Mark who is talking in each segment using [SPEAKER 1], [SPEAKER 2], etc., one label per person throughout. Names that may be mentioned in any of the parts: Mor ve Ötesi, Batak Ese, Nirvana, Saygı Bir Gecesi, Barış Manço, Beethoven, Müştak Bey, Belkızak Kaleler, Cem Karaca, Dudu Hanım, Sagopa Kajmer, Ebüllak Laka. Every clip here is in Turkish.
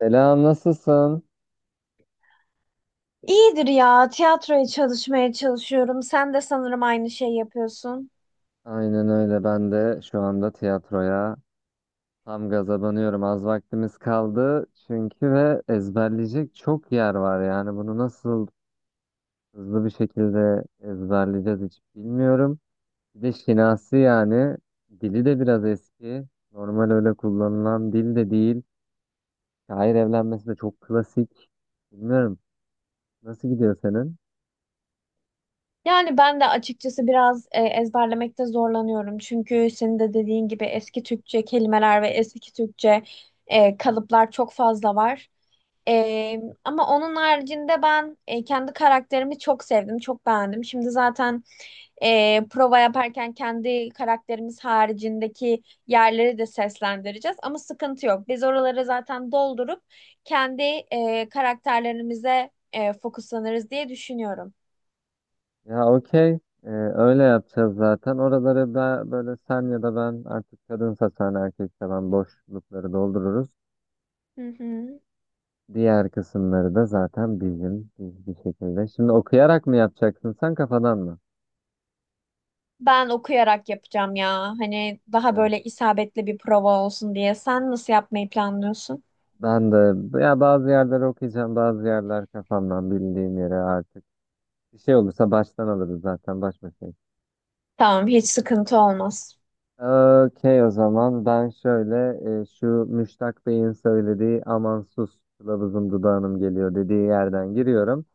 [SPEAKER 1] Selam, nasılsın?
[SPEAKER 2] İyidir ya. Tiyatroya çalışmaya çalışıyorum. Sen de sanırım aynı şeyi yapıyorsun.
[SPEAKER 1] Aynen öyle. Ben de şu anda tiyatroya tam gaza banıyorum. Az vaktimiz kaldı çünkü ve ezberleyecek çok yer var. Yani bunu nasıl hızlı bir şekilde ezberleyeceğiz hiç bilmiyorum. Bir de şinasi yani dili de biraz eski. Normal öyle kullanılan dil de değil. Şair evlenmesi de çok klasik. Bilmiyorum. Nasıl gidiyor senin?
[SPEAKER 2] Yani ben de açıkçası biraz ezberlemekte zorlanıyorum. Çünkü senin de dediğin gibi eski Türkçe kelimeler ve eski Türkçe kalıplar çok fazla var. Ama onun haricinde ben kendi karakterimi çok sevdim, çok beğendim. Şimdi zaten prova yaparken kendi karakterimiz haricindeki yerleri de seslendireceğiz. Ama sıkıntı yok. Biz oraları zaten doldurup kendi karakterlerimize fokuslanırız diye düşünüyorum.
[SPEAKER 1] Ya okey. Öyle yapacağız zaten. Oraları da böyle sen ya da ben artık kadınsa sen erkekse ben boşlukları doldururuz.
[SPEAKER 2] Hı hı.
[SPEAKER 1] Diğer kısımları da zaten biz bir şekilde. Şimdi okuyarak mı yapacaksın sen kafadan mı?
[SPEAKER 2] Ben okuyarak yapacağım ya. Hani daha
[SPEAKER 1] Evet.
[SPEAKER 2] böyle isabetli bir prova olsun diye. Sen nasıl yapmayı planlıyorsun?
[SPEAKER 1] Ben de ya bazı yerleri okuyacağım bazı yerler kafamdan bildiğim yere artık. Bir şey olursa baştan alırız zaten baş başayız.
[SPEAKER 2] Tamam, hiç sıkıntı olmaz.
[SPEAKER 1] Okey o zaman ben şöyle şu Müştak Bey'in söylediği aman sus kılavuzum dudağınım geliyor dediği yerden giriyorum.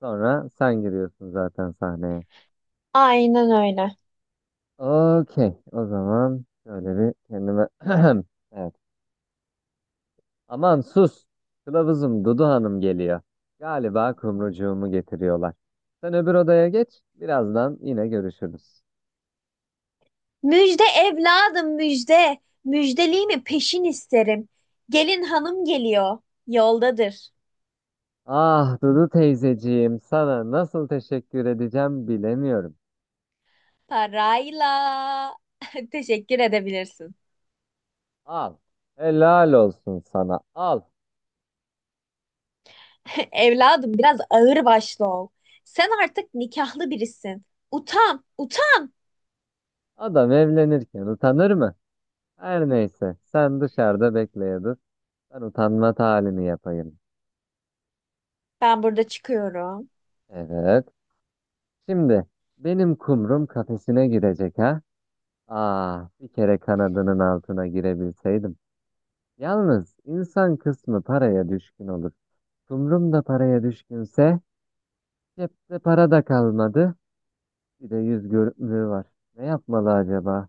[SPEAKER 1] Sonra sen giriyorsun zaten sahneye.
[SPEAKER 2] Aynen öyle.
[SPEAKER 1] Okey. O zaman şöyle bir kendime... Evet. Aman sus. Kılavuzum Dudu Hanım geliyor. Galiba kumrucuğumu getiriyorlar. Sen öbür odaya geç. Birazdan yine görüşürüz.
[SPEAKER 2] Müjde evladım müjde. Müjdeli mi peşin isterim. Gelin hanım geliyor. Yoldadır.
[SPEAKER 1] Ah Dudu teyzeciğim sana nasıl teşekkür edeceğim bilemiyorum.
[SPEAKER 2] Parayla. Teşekkür edebilirsin.
[SPEAKER 1] Al. Helal olsun sana. Al.
[SPEAKER 2] Evladım biraz ağır başlı ol. Sen artık nikahlı birisin. Utan, utan.
[SPEAKER 1] Adam evlenirken utanır mı? Her neyse sen dışarıda bekleye dur. Ben utanma halini yapayım.
[SPEAKER 2] Ben burada çıkıyorum.
[SPEAKER 1] Evet. Şimdi benim kumrum kafesine girecek ha. Ah, bir kere kanadının altına girebilseydim. Yalnız insan kısmı paraya düşkün olur. Kumrum da paraya düşkünse cepte para da kalmadı. Bir de yüz görümlüğü var. Ne yapmalı acaba?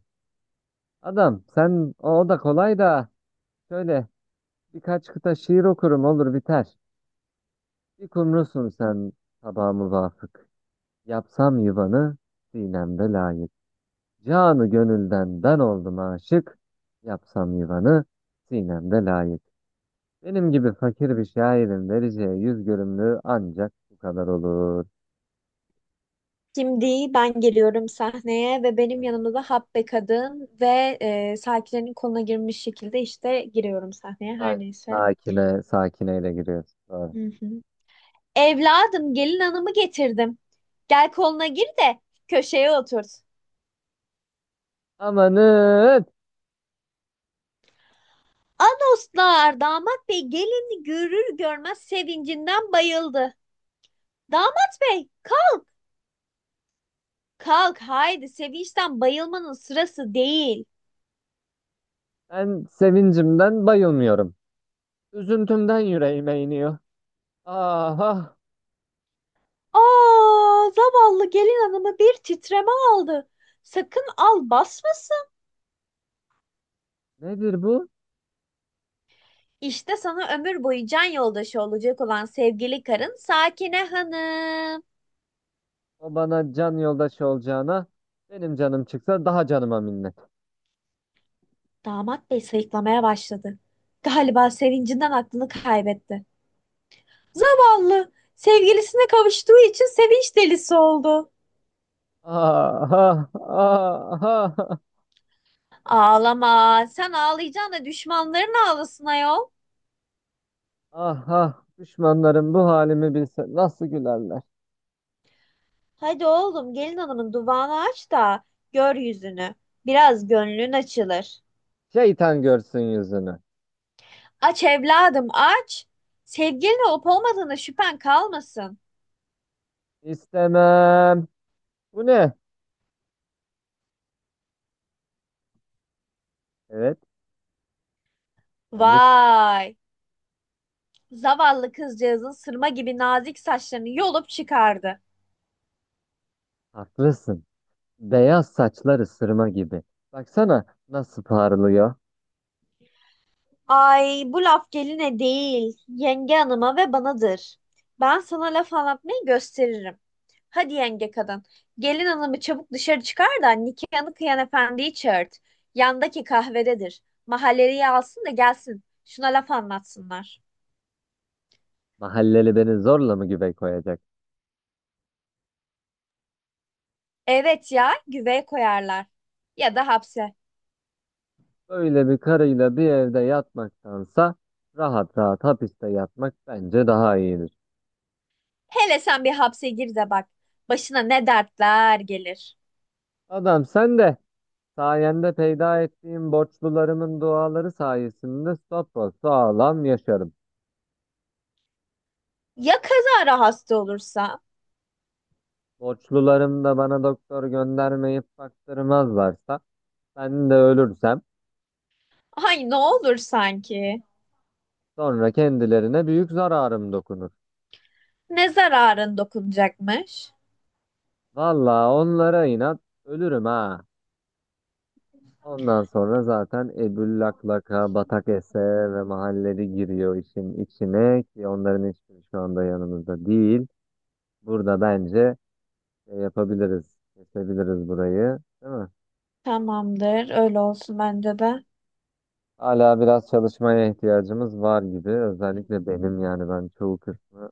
[SPEAKER 1] Adam sen o da kolay da şöyle birkaç kıta şiir okurum olur biter. Bir kumrusun sen sabah muvafık. Yapsam yuvanı sinemde layık. Canı gönülden ben oldum aşık. Yapsam yuvanı sinemde layık. Benim gibi fakir bir şairin vereceği yüz görümlüğü ancak bu kadar olur.
[SPEAKER 2] Şimdi ben geliyorum sahneye ve benim yanımda da Habbe kadın ve sakinlerin koluna girmiş şekilde işte giriyorum sahneye her
[SPEAKER 1] Aynen.
[SPEAKER 2] neyse.
[SPEAKER 1] Sakine, sakineyle giriyoruz. Doğru.
[SPEAKER 2] Hı hı. Evladım gelin hanımı getirdim. Gel koluna gir de köşeye oturt.
[SPEAKER 1] Amanın!
[SPEAKER 2] Anoslar damat bey gelini görür görmez sevincinden bayıldı. Damat bey kalk haydi sevinçten bayılmanın sırası değil.
[SPEAKER 1] Ben sevincimden bayılmıyorum. Üzüntümden yüreğime iniyor. Aha!
[SPEAKER 2] Aa, zavallı gelin hanımı bir titreme aldı. Sakın al basmasın.
[SPEAKER 1] Nedir bu?
[SPEAKER 2] İşte sana ömür boyu can yoldaşı olacak olan sevgili karın Sakine Hanım.
[SPEAKER 1] O bana can yoldaşı olacağına benim canım çıksa daha canıma minnet.
[SPEAKER 2] Damat bey sayıklamaya başladı. Galiba sevincinden aklını kaybetti. Vallahi sevgilisine kavuştuğu için sevinç delisi oldu.
[SPEAKER 1] Aha! Aha!
[SPEAKER 2] Ağlama. Sen ağlayacaksın da düşmanların ağlasın ayol.
[SPEAKER 1] Ah ah düşmanlarım bu halimi bilse nasıl gülerler.
[SPEAKER 2] Hadi oğlum gelin hanımın duvağını aç da gör yüzünü. Biraz gönlün açılır.
[SPEAKER 1] Şeytan görsün yüzünü.
[SPEAKER 2] Aç evladım aç. Sevgilin olup olmadığına şüphen kalmasın.
[SPEAKER 1] İstemem. Bu ne? Evet sen de
[SPEAKER 2] Vay. Zavallı kızcağızın sırma gibi nazik saçlarını yolup çıkardı.
[SPEAKER 1] haklısın. Beyaz saçlar ısırma gibi. Baksana nasıl parlıyor.
[SPEAKER 2] Ay bu laf geline değil, yenge hanıma ve banadır. Ben sana laf anlatmayı gösteririm. Hadi yenge kadın, gelin hanımı çabuk dışarı çıkar da nikahını kıyan efendiyi çağırt. Yandaki kahvededir. Mahalleliye alsın da gelsin. Şuna laf anlatsınlar.
[SPEAKER 1] Mahalleli beni zorla mı güve koyacak?
[SPEAKER 2] Evet ya, güveye koyarlar. Ya da hapse.
[SPEAKER 1] Böyle bir karıyla bir evde yatmaktansa rahat rahat hapiste yatmak bence daha iyidir.
[SPEAKER 2] Hele sen bir hapse gir de bak. Başına ne dertler gelir.
[SPEAKER 1] Adam sen de sayende peyda ettiğim borçlularımın duaları sayesinde sapasağlam yaşarım.
[SPEAKER 2] Ya kazara hasta olursa?
[SPEAKER 1] Borçlularım da bana doktor göndermeyip baktırmazlarsa ben de ölürsem
[SPEAKER 2] Ay ne olur sanki.
[SPEAKER 1] sonra kendilerine büyük zararım dokunur.
[SPEAKER 2] Ne zararın dokunacakmış?
[SPEAKER 1] Valla onlara inat ölürüm ha. Ondan sonra zaten Ebüllak Laka, Batak Ese ve mahalleli giriyor işin içine ki onların hiçbiri şu anda yanımızda değil. Burada bence şey yapabiliriz, kesebiliriz burayı, değil mi?
[SPEAKER 2] Tamamdır. Öyle olsun bence de.
[SPEAKER 1] Hala biraz çalışmaya ihtiyacımız var gibi. Özellikle benim yani ben çoğu kısmı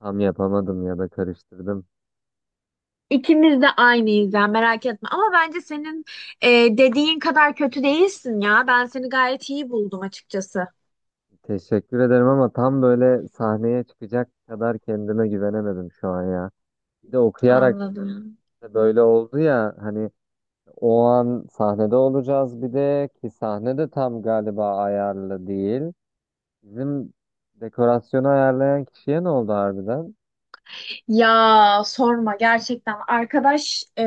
[SPEAKER 1] tam yapamadım ya da karıştırdım.
[SPEAKER 2] İkimiz de aynıyız ya merak etme. Ama bence senin e, dediğin kadar kötü değilsin ya. Ben seni gayet iyi buldum açıkçası.
[SPEAKER 1] Teşekkür ederim ama tam böyle sahneye çıkacak kadar kendime güvenemedim şu an ya. Bir de okuyarak
[SPEAKER 2] Anladım.
[SPEAKER 1] da böyle oldu ya hani o an sahnede olacağız bir de ki sahne de tam galiba ayarlı değil. Bizim dekorasyonu ayarlayan kişiye ne oldu harbiden?
[SPEAKER 2] Ya sorma gerçekten arkadaş,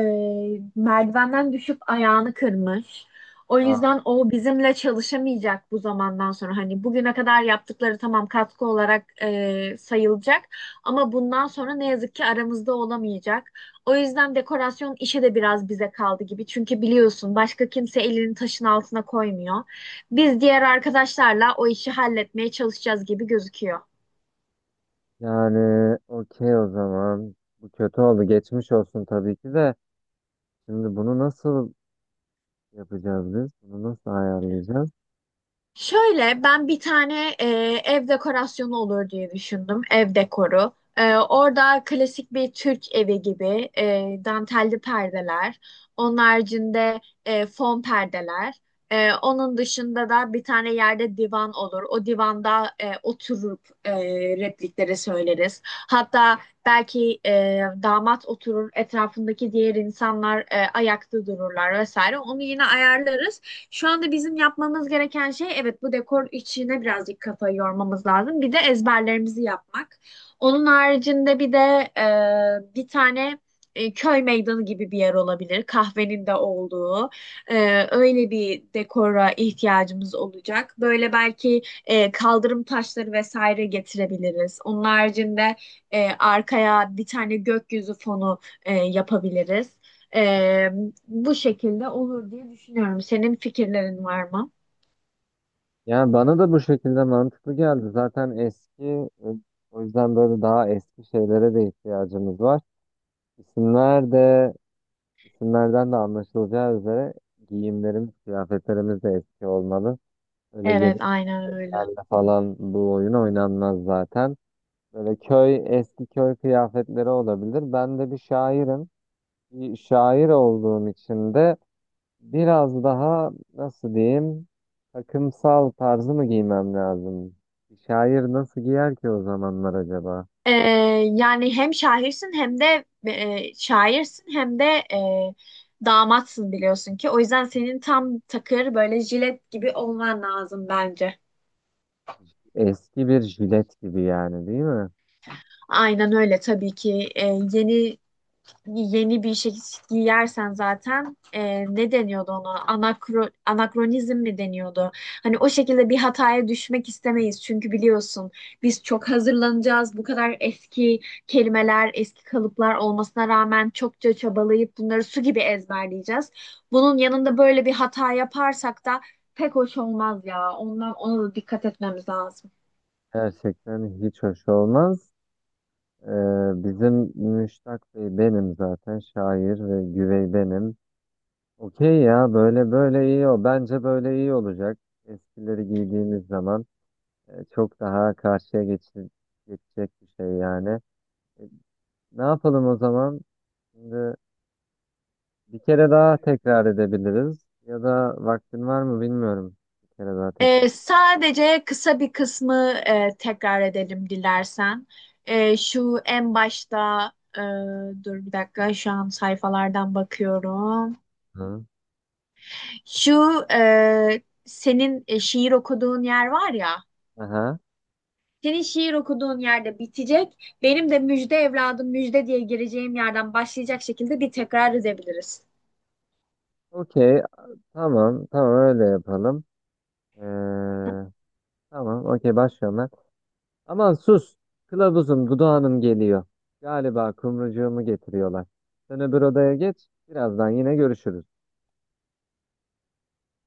[SPEAKER 2] merdivenden düşüp ayağını kırmış. O
[SPEAKER 1] Aa,
[SPEAKER 2] yüzden o bizimle çalışamayacak bu zamandan sonra. Hani bugüne kadar yaptıkları tamam katkı olarak sayılacak ama bundan sonra ne yazık ki aramızda olamayacak. O yüzden dekorasyon işi de biraz bize kaldı gibi. Çünkü biliyorsun başka kimse elini taşın altına koymuyor. Biz diğer arkadaşlarla o işi halletmeye çalışacağız gibi gözüküyor.
[SPEAKER 1] yani okey o zaman. Bu kötü oldu. Geçmiş olsun tabii ki de. Şimdi bunu nasıl yapacağız biz? Bunu nasıl ayarlayacağız?
[SPEAKER 2] Şöyle ben bir tane ev dekorasyonu olur diye düşündüm. Ev dekoru. Orada klasik bir Türk evi gibi dantelli perdeler. Onun haricinde fon perdeler. Onun dışında da bir tane yerde divan olur. O divanda oturup replikleri söyleriz. Hatta belki damat oturur, etrafındaki diğer insanlar ayakta dururlar vesaire. Onu yine ayarlarız. Şu anda bizim yapmamız gereken şey, evet, bu dekor içine birazcık kafayı yormamız lazım. Bir de ezberlerimizi yapmak. Onun haricinde bir de bir tane köy meydanı gibi bir yer olabilir. Kahvenin de olduğu. Öyle bir dekora ihtiyacımız olacak. Böyle belki kaldırım taşları vesaire getirebiliriz. Onun haricinde arkaya bir tane gökyüzü fonu yapabiliriz. Ee, Bu şekilde olur diye düşünüyorum. Senin fikirlerin var mı?
[SPEAKER 1] Yani bana da bu şekilde mantıklı geldi. Zaten eski, o yüzden böyle daha eski şeylere de ihtiyacımız var. İsimler de, isimlerden de anlaşılacağı üzere giyimlerimiz, kıyafetlerimiz de eski olmalı. Öyle
[SPEAKER 2] Evet, aynen öyle.
[SPEAKER 1] yenilerle falan bu oyun oynanmaz zaten. Böyle köy, eski köy kıyafetleri olabilir. Ben de bir şairim. Bir şair olduğum için de biraz daha nasıl diyeyim takımsal tarzı mı giymem lazım? Şair nasıl giyer ki o zamanlar acaba?
[SPEAKER 2] Ee, Yani hem şairsin hem de şairsin hem de damatsın biliyorsun ki. O yüzden senin tam takır böyle jilet gibi olman lazım bence.
[SPEAKER 1] Eski bir jilet gibi yani değil mi?
[SPEAKER 2] Aynen öyle tabii ki. Yeni yeni bir şey giyersen zaten ne deniyordu ona? Anakronizm mi deniyordu? Hani o şekilde bir hataya düşmek istemeyiz. Çünkü biliyorsun biz çok hazırlanacağız. Bu kadar eski kelimeler, eski kalıplar olmasına rağmen çokça çabalayıp bunları su gibi ezberleyeceğiz. Bunun yanında böyle bir hata yaparsak da pek hoş olmaz ya. Ondan ona da dikkat etmemiz lazım.
[SPEAKER 1] Gerçekten hiç hoş olmaz. Ee, Bizim Müştak Bey benim zaten şair ve güvey benim. Okey ya böyle böyle iyi o. Bence böyle iyi olacak. Eskileri giydiğimiz zaman çok daha karşıya geçecek bir şey yani. E, Ne yapalım o zaman? Şimdi bir kere daha tekrar edebiliriz. Ya da vaktin var mı bilmiyorum. Bir kere daha tekrar.
[SPEAKER 2] Sadece kısa bir kısmı tekrar edelim dilersen. Şu en başta, e, dur bir dakika, şu an sayfalardan bakıyorum.
[SPEAKER 1] Hı.
[SPEAKER 2] Şu senin şiir okuduğun yer var ya.
[SPEAKER 1] Aha.
[SPEAKER 2] Senin şiir okuduğun yerde bitecek. Benim de müjde evladım müjde diye gireceğim yerden başlayacak şekilde bir tekrar edebiliriz.
[SPEAKER 1] Okey. Tamam. Tamam öyle yapalım. Ee, tamam. Okey başlıyorum ben. Aman sus. Kılavuzum Dudağanım geliyor. Galiba kumrucuğumu getiriyorlar. Sen öbür odaya geç. Birazdan yine görüşürüz.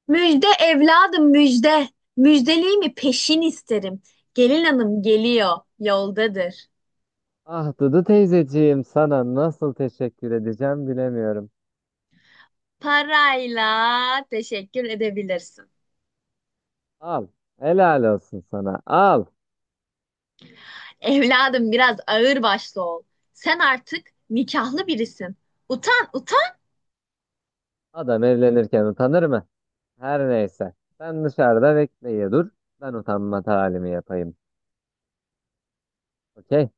[SPEAKER 2] Müjde evladım müjde. Müjdeliğimi peşin isterim. Gelin hanım geliyor, yoldadır.
[SPEAKER 1] Ah Dudu teyzeciğim sana nasıl teşekkür edeceğim bilemiyorum.
[SPEAKER 2] Parayla teşekkür edebilirsin.
[SPEAKER 1] Al. Helal olsun sana. Al.
[SPEAKER 2] Evladım biraz ağır başlı ol. Sen artık nikahlı birisin. Utan, utan.
[SPEAKER 1] Adam evlenirken utanır mı? Her neyse. Sen dışarıda bekleye dur. Ben utanma talimi yapayım. Okey.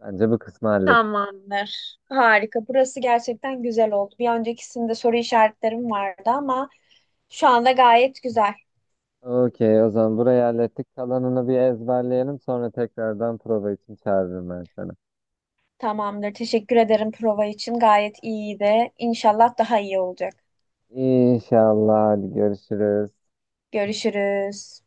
[SPEAKER 1] Bence bu kısmı hallettik.
[SPEAKER 2] Tamamdır. Harika. Burası gerçekten güzel oldu. Bir öncekisinde soru işaretlerim vardı ama şu anda gayet güzel.
[SPEAKER 1] Okey, o zaman burayı hallettik. Kalanını bir ezberleyelim. Sonra tekrardan prova için çağırırım ben seni.
[SPEAKER 2] Tamamdır. Teşekkür ederim prova için. Gayet iyiydi. İnşallah daha iyi olacak.
[SPEAKER 1] İnşallah. Hadi görüşürüz.
[SPEAKER 2] Görüşürüz.